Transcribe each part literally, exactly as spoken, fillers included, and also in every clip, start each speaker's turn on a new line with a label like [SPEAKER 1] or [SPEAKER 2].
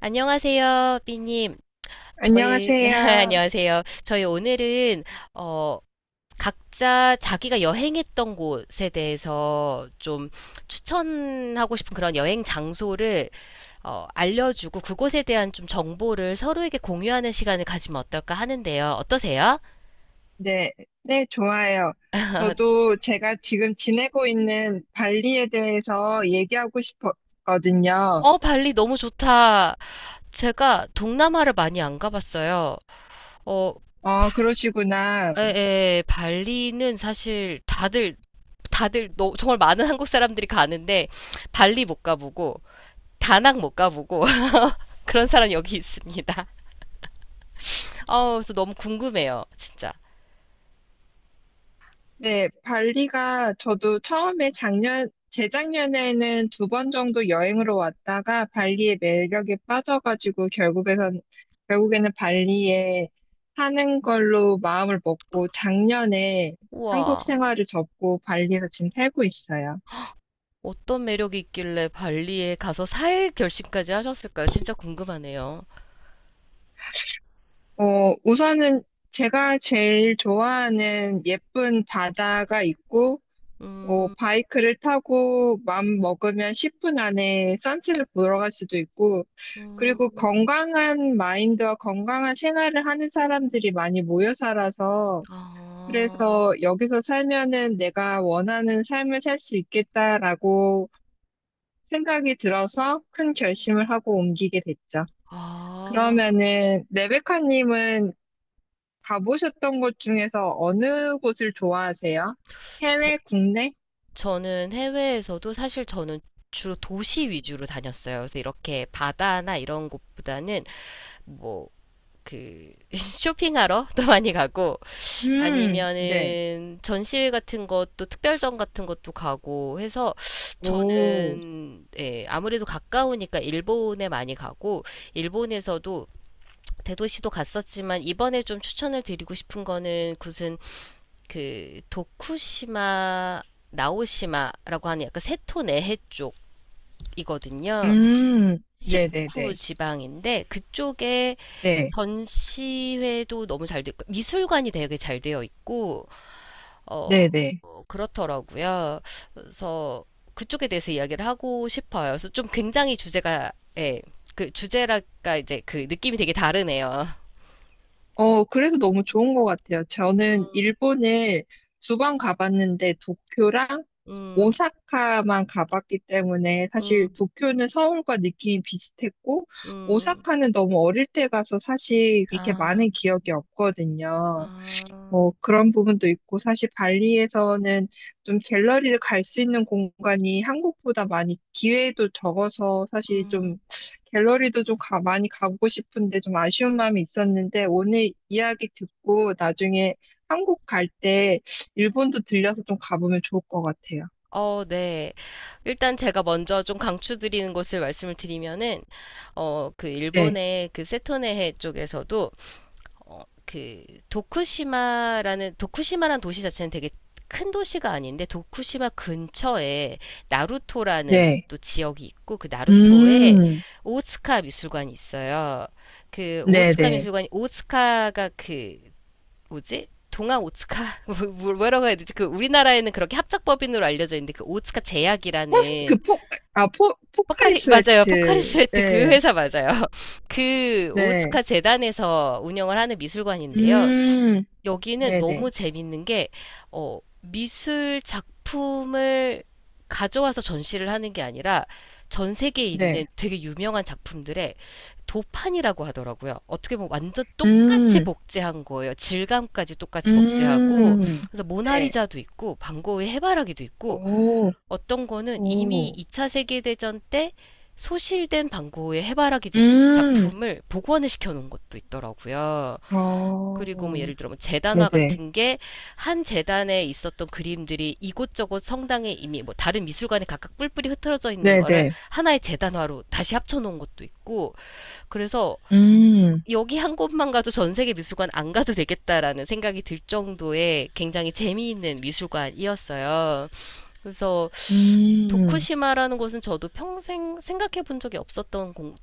[SPEAKER 1] 안녕하세요, 삐님. 저희,
[SPEAKER 2] 안녕하세요.
[SPEAKER 1] 안녕하세요. 저희 오늘은, 어, 각자 자기가 여행했던 곳에 대해서 좀 추천하고 싶은 그런 여행 장소를, 어, 알려주고 그곳에 대한 좀 정보를 서로에게 공유하는 시간을 가지면 어떨까 하는데요. 어떠세요?
[SPEAKER 2] 네, 네, 좋아요. 저도 제가 지금 지내고 있는 발리에 대해서 얘기하고 싶었거든요.
[SPEAKER 1] 어, 발리 너무 좋다. 제가 동남아를 많이 안 가봤어요. 어,
[SPEAKER 2] 어, 그러시구나.
[SPEAKER 1] 에, 에, 발리는 사실 다들 다들 너, 정말 많은 한국 사람들이 가는데 발리 못 가보고 다낭 못 가보고 그런 사람 이 여기 있습니다. 아, 그래서 너무 궁금해요, 진짜.
[SPEAKER 2] 네, 발리가 저도 처음에 작년, 재작년에는 두 번 정도 여행으로 왔다가 발리의 매력에 빠져가지고 결국에선, 결국에는 발리에 사는 걸로 마음을 먹고 작년에 한국
[SPEAKER 1] 우와,
[SPEAKER 2] 생활을 접고 발리에서 지금 살고 있어요.
[SPEAKER 1] 어떤 매력이 있길래 발리에 가서 살 결심까지 하셨을까요? 진짜 궁금하네요.
[SPEAKER 2] 어, 우선은 제가 제일 좋아하는 예쁜 바다가 있고, 어,
[SPEAKER 1] 음,
[SPEAKER 2] 바이크를 타고 맘 먹으면 십 분 안에 선셋을 보러 갈 수도 있고, 그리고
[SPEAKER 1] 음,
[SPEAKER 2] 건강한 마인드와 건강한 생활을 하는 사람들이 많이 모여 살아서,
[SPEAKER 1] 아,
[SPEAKER 2] 그래서 여기서 살면은 내가 원하는 삶을 살 수 있겠다라고 생각이 들어서 큰 결심을 하고 옮기게 됐죠.
[SPEAKER 1] 아,
[SPEAKER 2] 그러면은 레베카님은 가보셨던 곳 중에서 어느 곳을 좋아하세요?
[SPEAKER 1] 저,
[SPEAKER 2] 해외, 국내?
[SPEAKER 1] 저는 해외에서도 사실 저는 주로 도시 위주로 다녔어요. 그래서 이렇게 바다나 이런 곳보다는 뭐 그 쇼핑하러 또 많이 가고
[SPEAKER 2] 음, 네.
[SPEAKER 1] 아니면은 전시회 같은 것도 특별전 같은 것도 가고 해서
[SPEAKER 2] 오,
[SPEAKER 1] 저는 예, 아무래도 가까우니까 일본에 많이 가고 일본에서도 대도시도 갔었지만 이번에 좀 추천을 드리고 싶은 거는 무슨 그 도쿠시마 나오시마라고 하는 약간 세토 내해 쪽이거든요.
[SPEAKER 2] 음,
[SPEAKER 1] 식후
[SPEAKER 2] 네네네.
[SPEAKER 1] 지방인데 그쪽에
[SPEAKER 2] 네,
[SPEAKER 1] 전시회도 너무 잘 됐고 미술관이 되게 잘 되어 있고 어
[SPEAKER 2] 네네.
[SPEAKER 1] 그렇더라고요. 그래서 그쪽에 대해서 이야기를 하고 싶어요. 그래서 좀 굉장히 주제가 예, 그 주제랄까 이제 그 느낌이 되게 다르네요.
[SPEAKER 2] 어, 그래서 너무 좋은 것 같아요. 저는
[SPEAKER 1] 음,
[SPEAKER 2] 일본을 두 번 가봤는데 도쿄랑
[SPEAKER 1] 음,
[SPEAKER 2] 오사카만 가봤기 때문에 사실
[SPEAKER 1] 음,
[SPEAKER 2] 도쿄는 서울과 느낌이 비슷했고
[SPEAKER 1] 음,
[SPEAKER 2] 오사카는 너무 어릴 때 가서 사실 그렇게
[SPEAKER 1] 아,
[SPEAKER 2] 많은 기억이 없거든요.
[SPEAKER 1] 아,
[SPEAKER 2] 뭐 그런 부분도 있고 사실 발리에서는 좀 갤러리를 갈 수 있는 공간이 한국보다 많이 기회도 적어서 사실
[SPEAKER 1] 음,
[SPEAKER 2] 좀 갤러리도 좀 가, 많이 가보고 싶은데 좀 아쉬운 마음이 있었는데 오늘 이야기 듣고 나중에 한국 갈 때 일본도 들려서 좀 가보면 좋을 것 같아요.
[SPEAKER 1] 어, 네. 일단 제가 먼저 좀 강추드리는 것을 말씀을 드리면은, 어, 그
[SPEAKER 2] 네,
[SPEAKER 1] 일본의 그 세토네해 쪽에서도 어, 그 도쿠시마라는 도쿠시마라는 도시 자체는 되게 큰 도시가 아닌데 도쿠시마 근처에 나루토라는
[SPEAKER 2] 네,
[SPEAKER 1] 또 지역이 있고 그 나루토에
[SPEAKER 2] 음,
[SPEAKER 1] 오츠카 미술관이 있어요. 그
[SPEAKER 2] 네,
[SPEAKER 1] 오츠카
[SPEAKER 2] 네.
[SPEAKER 1] 미술관이 오츠카가 그 뭐지? 동아 오츠카 뭐- 뭐라고 해야 되지? 그 우리나라에는 그렇게 합작법인으로 알려져 있는데 그 오츠카
[SPEAKER 2] 포스 그
[SPEAKER 1] 제약이라는
[SPEAKER 2] 포, 아, 포, 포카리
[SPEAKER 1] 포카리 맞아요. 포카리
[SPEAKER 2] 스웨트.
[SPEAKER 1] 스웨트 그
[SPEAKER 2] 네,
[SPEAKER 1] 회사 맞아요. 그 오츠카
[SPEAKER 2] 네,
[SPEAKER 1] 재단에서 운영을 하는 미술관인데요.
[SPEAKER 2] 음,
[SPEAKER 1] 여기는
[SPEAKER 2] 네,
[SPEAKER 1] 너무
[SPEAKER 2] 네,
[SPEAKER 1] 재밌는 게, 어, 미술 작품을 가져와서 전시를 하는 게 아니라 전 세계에 있는
[SPEAKER 2] 네.
[SPEAKER 1] 되게 유명한 작품들의 도판이라고 하더라고요. 어떻게 보면 완전 똑같이
[SPEAKER 2] 음,
[SPEAKER 1] 복제한 거예요. 질감까지 똑같이 복제하고,
[SPEAKER 2] 음,
[SPEAKER 1] 그래서
[SPEAKER 2] 네.
[SPEAKER 1] 모나리자도 있고, 반 고흐의 해바라기도 있고,
[SPEAKER 2] 오,
[SPEAKER 1] 어떤 거는 이미
[SPEAKER 2] 오,
[SPEAKER 1] 이차 세계대전 때 소실된 반 고흐의 해바라기
[SPEAKER 2] 음,
[SPEAKER 1] 작품을 복원을 시켜 놓은 것도 있더라고요. 그리고 뭐
[SPEAKER 2] 어,
[SPEAKER 1] 예를 들어 뭐 재단화
[SPEAKER 2] 네네,
[SPEAKER 1] 같은 게 한 재단에 있었던 그림들이 이곳저곳 성당에 이미 뭐 다른 미술관에 각각 뿔뿔이 흩어져 있는 거를
[SPEAKER 2] 네네,
[SPEAKER 1] 하나의 재단화로 다시 합쳐놓은 것도 있고 그래서
[SPEAKER 2] 음,
[SPEAKER 1] 여기 한 곳만 가도 전 세계 미술관 안 가도 되겠다라는 생각이 들 정도의 굉장히 재미있는 미술관이었어요. 그래서
[SPEAKER 2] 음,
[SPEAKER 1] 도쿠시마라는 곳은 저도 평생 생각해 본 적이 없었던 공-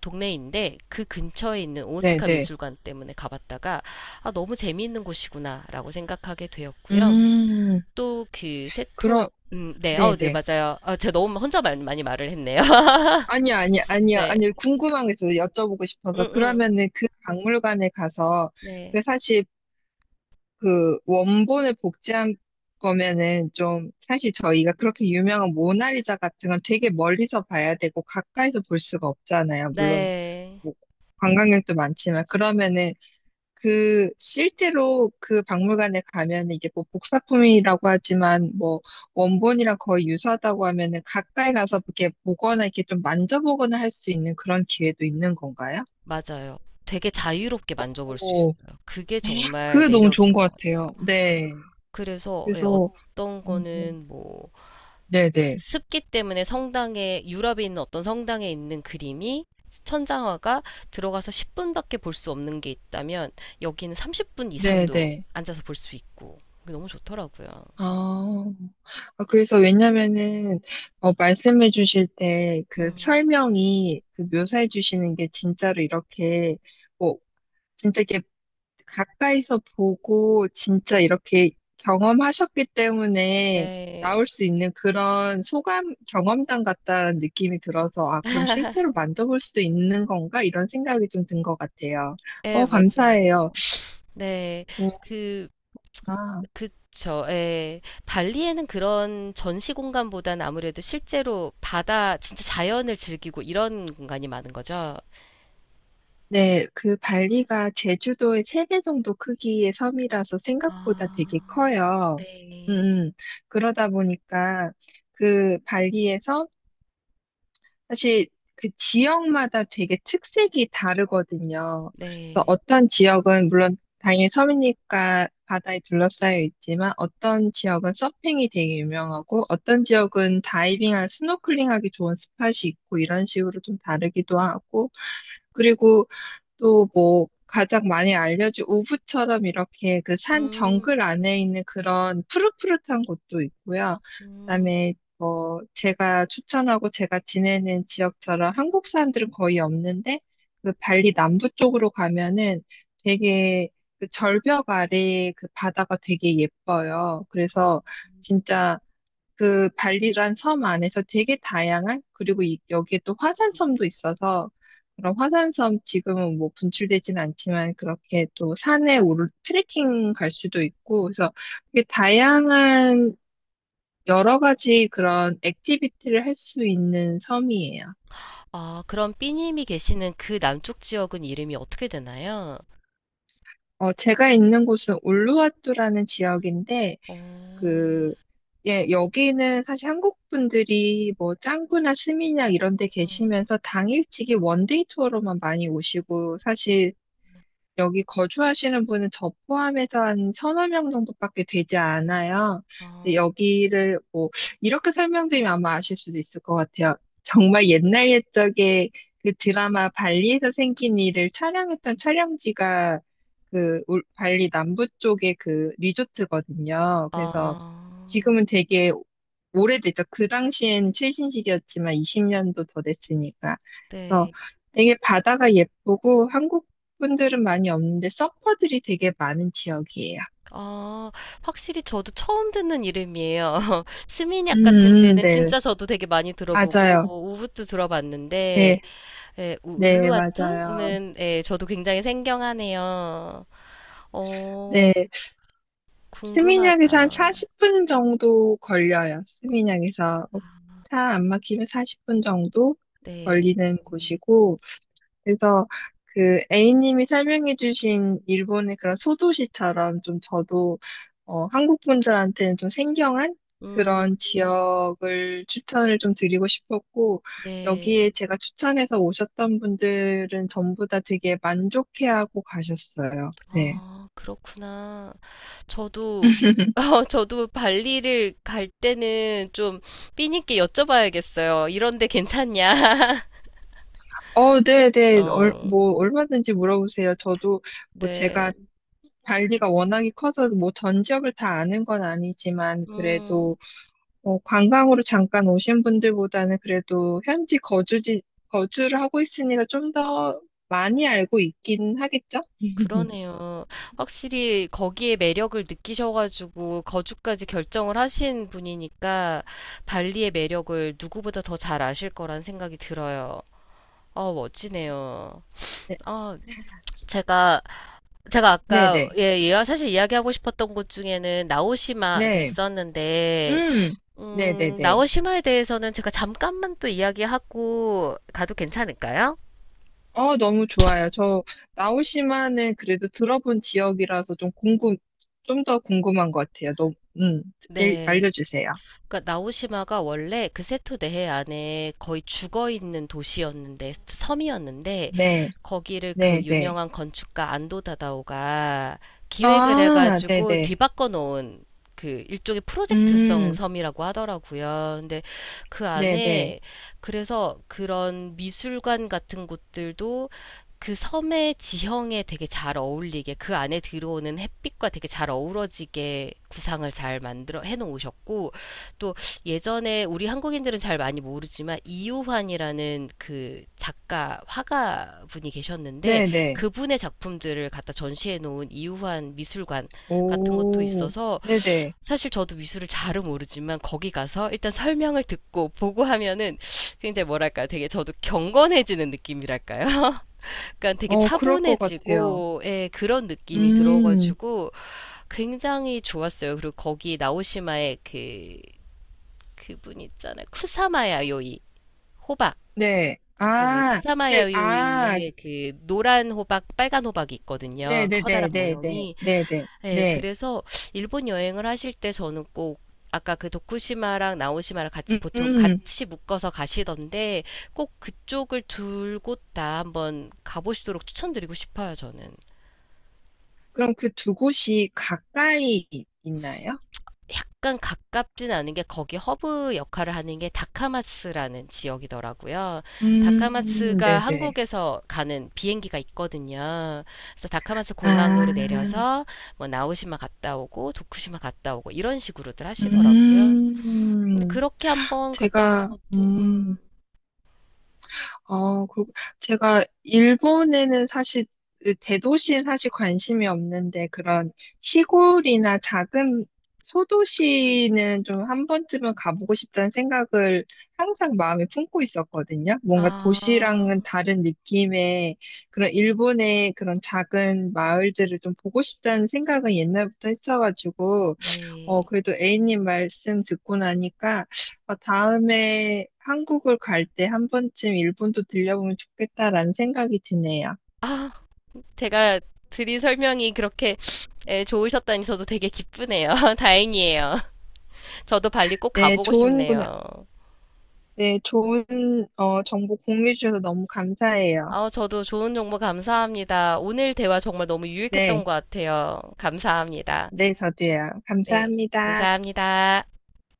[SPEAKER 1] 동네인데 그 근처에 있는 오스카
[SPEAKER 2] 네네,
[SPEAKER 1] 미술관 때문에 가봤다가 아, 너무 재미있는 곳이구나라고 생각하게 되었고요.
[SPEAKER 2] 음,
[SPEAKER 1] 또 그 세토
[SPEAKER 2] 그럼,
[SPEAKER 1] 음, 네, 어, 네,
[SPEAKER 2] 네네.
[SPEAKER 1] 맞아요. 아, 제가 너무 혼자 말, 많이 말을 했네요.
[SPEAKER 2] 아니요, 아니요, 아니요,
[SPEAKER 1] 네,
[SPEAKER 2] 아니요. 궁금한 게 있어서 여쭤보고
[SPEAKER 1] 음,
[SPEAKER 2] 싶어서.
[SPEAKER 1] 음,
[SPEAKER 2] 그러면은 그 박물관에 가서,
[SPEAKER 1] 네,
[SPEAKER 2] 그 사실 그 원본을 복제한 거면은 좀 사실 저희가 그렇게 유명한 모나리자 같은 건 되게 멀리서 봐야 되고 가까이서 볼 수가 없잖아요. 물론
[SPEAKER 1] 네,
[SPEAKER 2] 뭐 관광객도 많지만 그러면은 그 실제로 그 박물관에 가면은 이게 뭐 복사품이라고 하지만 뭐 원본이랑 거의 유사하다고 하면은 가까이 가서 이렇게 보거나 이렇게 좀 만져보거나 할 수 있는 그런 기회도 있는 건가요?
[SPEAKER 1] 맞아요. 되게 자유롭게 만져볼 수
[SPEAKER 2] 오,
[SPEAKER 1] 있어요. 그게 정말
[SPEAKER 2] 그게 너무
[SPEAKER 1] 매력인
[SPEAKER 2] 좋은 것
[SPEAKER 1] 것 같아요.
[SPEAKER 2] 같아요. 네.
[SPEAKER 1] 그래서 예,
[SPEAKER 2] 그래서
[SPEAKER 1] 어떤
[SPEAKER 2] 음.
[SPEAKER 1] 거는 뭐
[SPEAKER 2] 네네.
[SPEAKER 1] 습- 기 때문에 성당에 유럽에 있는 어떤 성당에 있는 그림이 천장화가 들어가서 십 분밖에 볼 수 없는 게 있다면 여기는 삼십 분 이상도
[SPEAKER 2] 네네.
[SPEAKER 1] 앉아서 볼 수 있고 너무 좋더라고요.
[SPEAKER 2] 아, 아, 그래서 왜냐면은, 어, 말씀해 주실 때 그
[SPEAKER 1] 음,
[SPEAKER 2] 설명이 그 묘사해 주시는 게 진짜로 이렇게, 뭐, 진짜 이렇게 가까이서 보고 진짜 이렇게 경험하셨기 때문에
[SPEAKER 1] 네.
[SPEAKER 2] 나올 수 있는 그런 소감, 경험담 같다는 느낌이 들어서, 아, 그럼 실제로 만져볼 수도 있는 건가? 이런 생각이 좀 든 것 같아요.
[SPEAKER 1] 예,
[SPEAKER 2] 어,
[SPEAKER 1] 맞아요.
[SPEAKER 2] 감사해요.
[SPEAKER 1] 네.
[SPEAKER 2] 오,
[SPEAKER 1] 그, 그쵸. 예. 발리에는 그런 전시 공간보단 아무래도 실제로 바다, 진짜 자연을 즐기고 이런 공간이 많은 거죠.
[SPEAKER 2] 네, 그 발리가 제주도의 세 배 정도 크기의 섬이라서 생각보다 되게
[SPEAKER 1] 아,
[SPEAKER 2] 커요.
[SPEAKER 1] 네.
[SPEAKER 2] 음, 음. 그러다 보니까 그 발리에서 사실 그 지역마다 되게 특색이 다르거든요. 그래서
[SPEAKER 1] 네.
[SPEAKER 2] 어떤 지역은 물론 당연히 섬이니까 바다에 둘러싸여 있지만 어떤 지역은 서핑이 되게 유명하고 어떤 지역은 다이빙할 스노클링하기 좋은 스팟이 있고 이런 식으로 좀 다르기도 하고 그리고 또 뭐 가장 많이 알려진 우붓처럼 이렇게 그 산
[SPEAKER 1] 음,
[SPEAKER 2] 정글 안에 있는 그런 푸릇푸릇한 곳도 있고요.
[SPEAKER 1] 음,
[SPEAKER 2] 그다음에 어, 제가 추천하고 제가 지내는 지역처럼 한국 사람들은 거의 없는데, 그 발리 남부 쪽으로 가면은 되게 그 절벽 아래 그 바다가 되게 예뻐요.
[SPEAKER 1] 어.
[SPEAKER 2] 그래서 진짜 그 발리란 섬 안에서 되게 다양한, 그리고 이- 여기에 또 화산섬도 있어서, 그런 화산섬 지금은 뭐 분출되진 않지만 그렇게 또 산에 오르 트레킹 갈 수도 있고, 그래서 되게 다양한 여러 가지 그런 액티비티를 할 수 있는 섬이에요.
[SPEAKER 1] 아, 그럼 삐님이 계시는 그 남쪽 지역은 이름이 어떻게 되나요?
[SPEAKER 2] 어, 제가 있는 곳은 울루와뚜라는 지역인데,
[SPEAKER 1] 어,
[SPEAKER 2] 그, 예, 여기는 사실 한국 분들이 뭐 짱구나 스미냑 이런 데
[SPEAKER 1] 음,
[SPEAKER 2] 계시면서 당일치기 원데이 투어로만 많이 오시고, 사실 여기 거주하시는 분은 저 포함해서 한 서너 명 정도밖에 되지 않아요. 근데
[SPEAKER 1] 아,
[SPEAKER 2] 여기를 뭐 이렇게 설명드리면 아마 아실 수도 있을 것 같아요. 정말 옛날 옛적에 그 드라마 발리에서 생긴 일을 촬영했던 촬영지가 그 울- 발리 남부 쪽의 그 리조트거든요. 그래서
[SPEAKER 1] 아,
[SPEAKER 2] 지금은 되게 오래됐죠. 그 당시엔 최신식이었지만 이십 년도 더 됐으니까. 그래서
[SPEAKER 1] 네.
[SPEAKER 2] 되게 바다가 예쁘고 한국 분들은 많이 없는데 서퍼들이 되게 많은 지역이에요.
[SPEAKER 1] 아, 확실히 저도 처음 듣는 이름이에요. 스미냑 같은
[SPEAKER 2] 음, 음,
[SPEAKER 1] 데는
[SPEAKER 2] 네,
[SPEAKER 1] 진짜 저도 되게 많이
[SPEAKER 2] 맞아요.
[SPEAKER 1] 들어보고, 우붓도 들어봤는데,
[SPEAKER 2] 네,
[SPEAKER 1] 예, 우-
[SPEAKER 2] 네, 맞아요.
[SPEAKER 1] 울루와투는, 예, 저도 굉장히 생경하네요. 어,
[SPEAKER 2] 네, 스미냑에서 한
[SPEAKER 1] 궁금하다.
[SPEAKER 2] 사십 분 정도 걸려요. 스미냑에서 차 안 막히면 사십 분 정도
[SPEAKER 1] 네.
[SPEAKER 2] 걸리는 곳이고, 그래서 그 A님이 설명해주신 일본의 그런 소도시처럼 좀 저도 어, 한국 분들한테는 좀 생경한
[SPEAKER 1] 음,
[SPEAKER 2] 그런 지역을 추천을 좀 드리고 싶었고 여기에
[SPEAKER 1] 네.
[SPEAKER 2] 제가 추천해서 오셨던 분들은 전부 다 되게 만족해하고 가셨어요. 네.
[SPEAKER 1] 아, 그렇구나. 저도, 어, 저도 발리를 갈 때는 좀 삐님께 여쭤봐야겠어요. 이런데 괜찮냐?
[SPEAKER 2] 어, 네, 네. 얼,
[SPEAKER 1] 어,
[SPEAKER 2] 뭐 얼마든지 물어보세요. 저도 뭐 제가
[SPEAKER 1] 네.
[SPEAKER 2] 발리가 워낙에 커서 뭐 전 지역을 다 아는 건 아니지만
[SPEAKER 1] 음,
[SPEAKER 2] 그래도 어, 관광으로 잠깐 오신 분들보다는 그래도 현지 거주지, 거주를 하고 있으니까 좀 더 많이 알고 있긴 하겠죠?
[SPEAKER 1] 그러네요. 확실히 거기에 매력을 느끼셔가지고 거주까지 결정을 하신 분이니까 발리의 매력을 누구보다 더 잘 아실 거란 생각이 들어요. 어, 멋지네요.
[SPEAKER 2] 네,
[SPEAKER 1] 아, 제가 제가 아까
[SPEAKER 2] 네네.
[SPEAKER 1] 예, 얘와 사실 이야기하고 싶었던 곳 중에는 나오시마도
[SPEAKER 2] 네.
[SPEAKER 1] 있었는데
[SPEAKER 2] 음,
[SPEAKER 1] 음,
[SPEAKER 2] 네네네.
[SPEAKER 1] 나오시마에 대해서는 제가 잠깐만 또 이야기하고 가도 괜찮을까요?
[SPEAKER 2] 어, 너무 좋아요. 저 나오시마는 그래도 들어본 지역이라서 좀 궁금, 좀 더 궁금한 것 같아요. 너무, 음, 일-
[SPEAKER 1] 네.
[SPEAKER 2] 알려주세요.
[SPEAKER 1] 그러니까 나오시마가 원래 그 세토 내해 안에 거의 죽어 있는 도시였는데 섬이었는데
[SPEAKER 2] 네,
[SPEAKER 1] 거기를 그
[SPEAKER 2] 네네.
[SPEAKER 1] 유명한 건축가 안도 다다오가 기획을
[SPEAKER 2] 아,
[SPEAKER 1] 해가지고
[SPEAKER 2] 네네.
[SPEAKER 1] 뒤바꿔 놓은 그 일종의 프로젝트성
[SPEAKER 2] 음,
[SPEAKER 1] 섬이라고 하더라고요. 근데 그
[SPEAKER 2] 네네.
[SPEAKER 1] 안에 그래서 그런 미술관 같은 곳들도 그 섬의 지형에 되게 잘 어울리게 그 안에 들어오는 햇빛과 되게 잘 어우러지게 구상을 잘 만들어 해 놓으셨고 또 예전에 우리 한국인들은 잘 많이 모르지만 이유환이라는 그 작가 화가 분이 계셨는데
[SPEAKER 2] 네네.
[SPEAKER 1] 그분의 작품들을 갖다 전시해 놓은 이유환 미술관 같은 것도
[SPEAKER 2] 오,
[SPEAKER 1] 있어서
[SPEAKER 2] 네네.
[SPEAKER 1] 사실 저도 미술을 잘은 모르지만 거기 가서 일단 설명을 듣고 보고 하면은 굉장히 뭐랄까 되게 저도 경건해지는 느낌이랄까요? 그러니까 되게
[SPEAKER 2] 어, 그럴 것 같아요.
[SPEAKER 1] 차분해지고 예, 그런 느낌이
[SPEAKER 2] 음,
[SPEAKER 1] 들어가지고 굉장히 좋았어요. 그리고 거기 나오시마의 그 그분 있잖아. 쿠사마야 요이. 호박.
[SPEAKER 2] 네.
[SPEAKER 1] 네,
[SPEAKER 2] 아, 네,
[SPEAKER 1] 쿠사마야
[SPEAKER 2] 아,
[SPEAKER 1] 요이의 그 노란 호박, 빨간 호박이 있거든요. 커다란
[SPEAKER 2] 네네네네네.
[SPEAKER 1] 모형이.
[SPEAKER 2] 네네.
[SPEAKER 1] 네,
[SPEAKER 2] 네.
[SPEAKER 1] 그래서 일본 여행을 하실 때 저는 꼭 아까 그 도쿠시마랑 나오시마랑 같이
[SPEAKER 2] 음,
[SPEAKER 1] 보통
[SPEAKER 2] 음.
[SPEAKER 1] 같이 묶어서 가시던데 꼭 그쪽을 둘 곳 다 한번 가보시도록 추천드리고 싶어요, 저는.
[SPEAKER 2] 그럼 그 두 곳이 가까이 있나요?
[SPEAKER 1] 약간 가깝진 않은 게 거기 허브 역할을 하는 게 다카마스라는 지역이더라고요.
[SPEAKER 2] 음,
[SPEAKER 1] 다카마스가
[SPEAKER 2] 네네.
[SPEAKER 1] 한국에서 가는 비행기가 있거든요. 그래서 다카마스 공항으로
[SPEAKER 2] 아,
[SPEAKER 1] 내려서 뭐 나오시마 갔다 오고 도쿠시마 갔다 오고 이런 식으로들 하시더라고요. 근데
[SPEAKER 2] 음,
[SPEAKER 1] 그렇게 한번 갔다 오는
[SPEAKER 2] 제가,
[SPEAKER 1] 것도 음,
[SPEAKER 2] 음. 어, 그, 제가 일본에는 사실 그 대도시에 사실 관심이 없는데 그런 시골이나 작은 소도시는 좀 한 번쯤은 가보고 싶다는 생각을 항상 마음에 품고 있었거든요. 뭔가
[SPEAKER 1] 아,
[SPEAKER 2] 도시랑은 다른 느낌의 그런 일본의 그런 작은 마을들을 좀 보고 싶다는 생각은 옛날부터 했어가지고 어,
[SPEAKER 1] 네.
[SPEAKER 2] 그래도 A님 말씀 듣고 나니까 어, 다음에 한국을 갈 때 한 번쯤 일본도 들려보면 좋겠다라는 생각이 드네요.
[SPEAKER 1] 아, 제가 드린 설명이 그렇게 예, 좋으셨다니 저도 되게 기쁘네요. 다행이에요. 저도 발리 꼭
[SPEAKER 2] 네,
[SPEAKER 1] 가보고
[SPEAKER 2] 좋은 구
[SPEAKER 1] 싶네요.
[SPEAKER 2] 네, 좋은 어, 정보 공유해 주셔서 너무 감사해요.
[SPEAKER 1] 아, 저도 좋은 정보 감사합니다. 오늘 대화 정말 너무 유익했던
[SPEAKER 2] 네,
[SPEAKER 1] 것 같아요. 감사합니다.
[SPEAKER 2] 네, 저도요.
[SPEAKER 1] 네,
[SPEAKER 2] 감사합니다.
[SPEAKER 1] 감사합니다.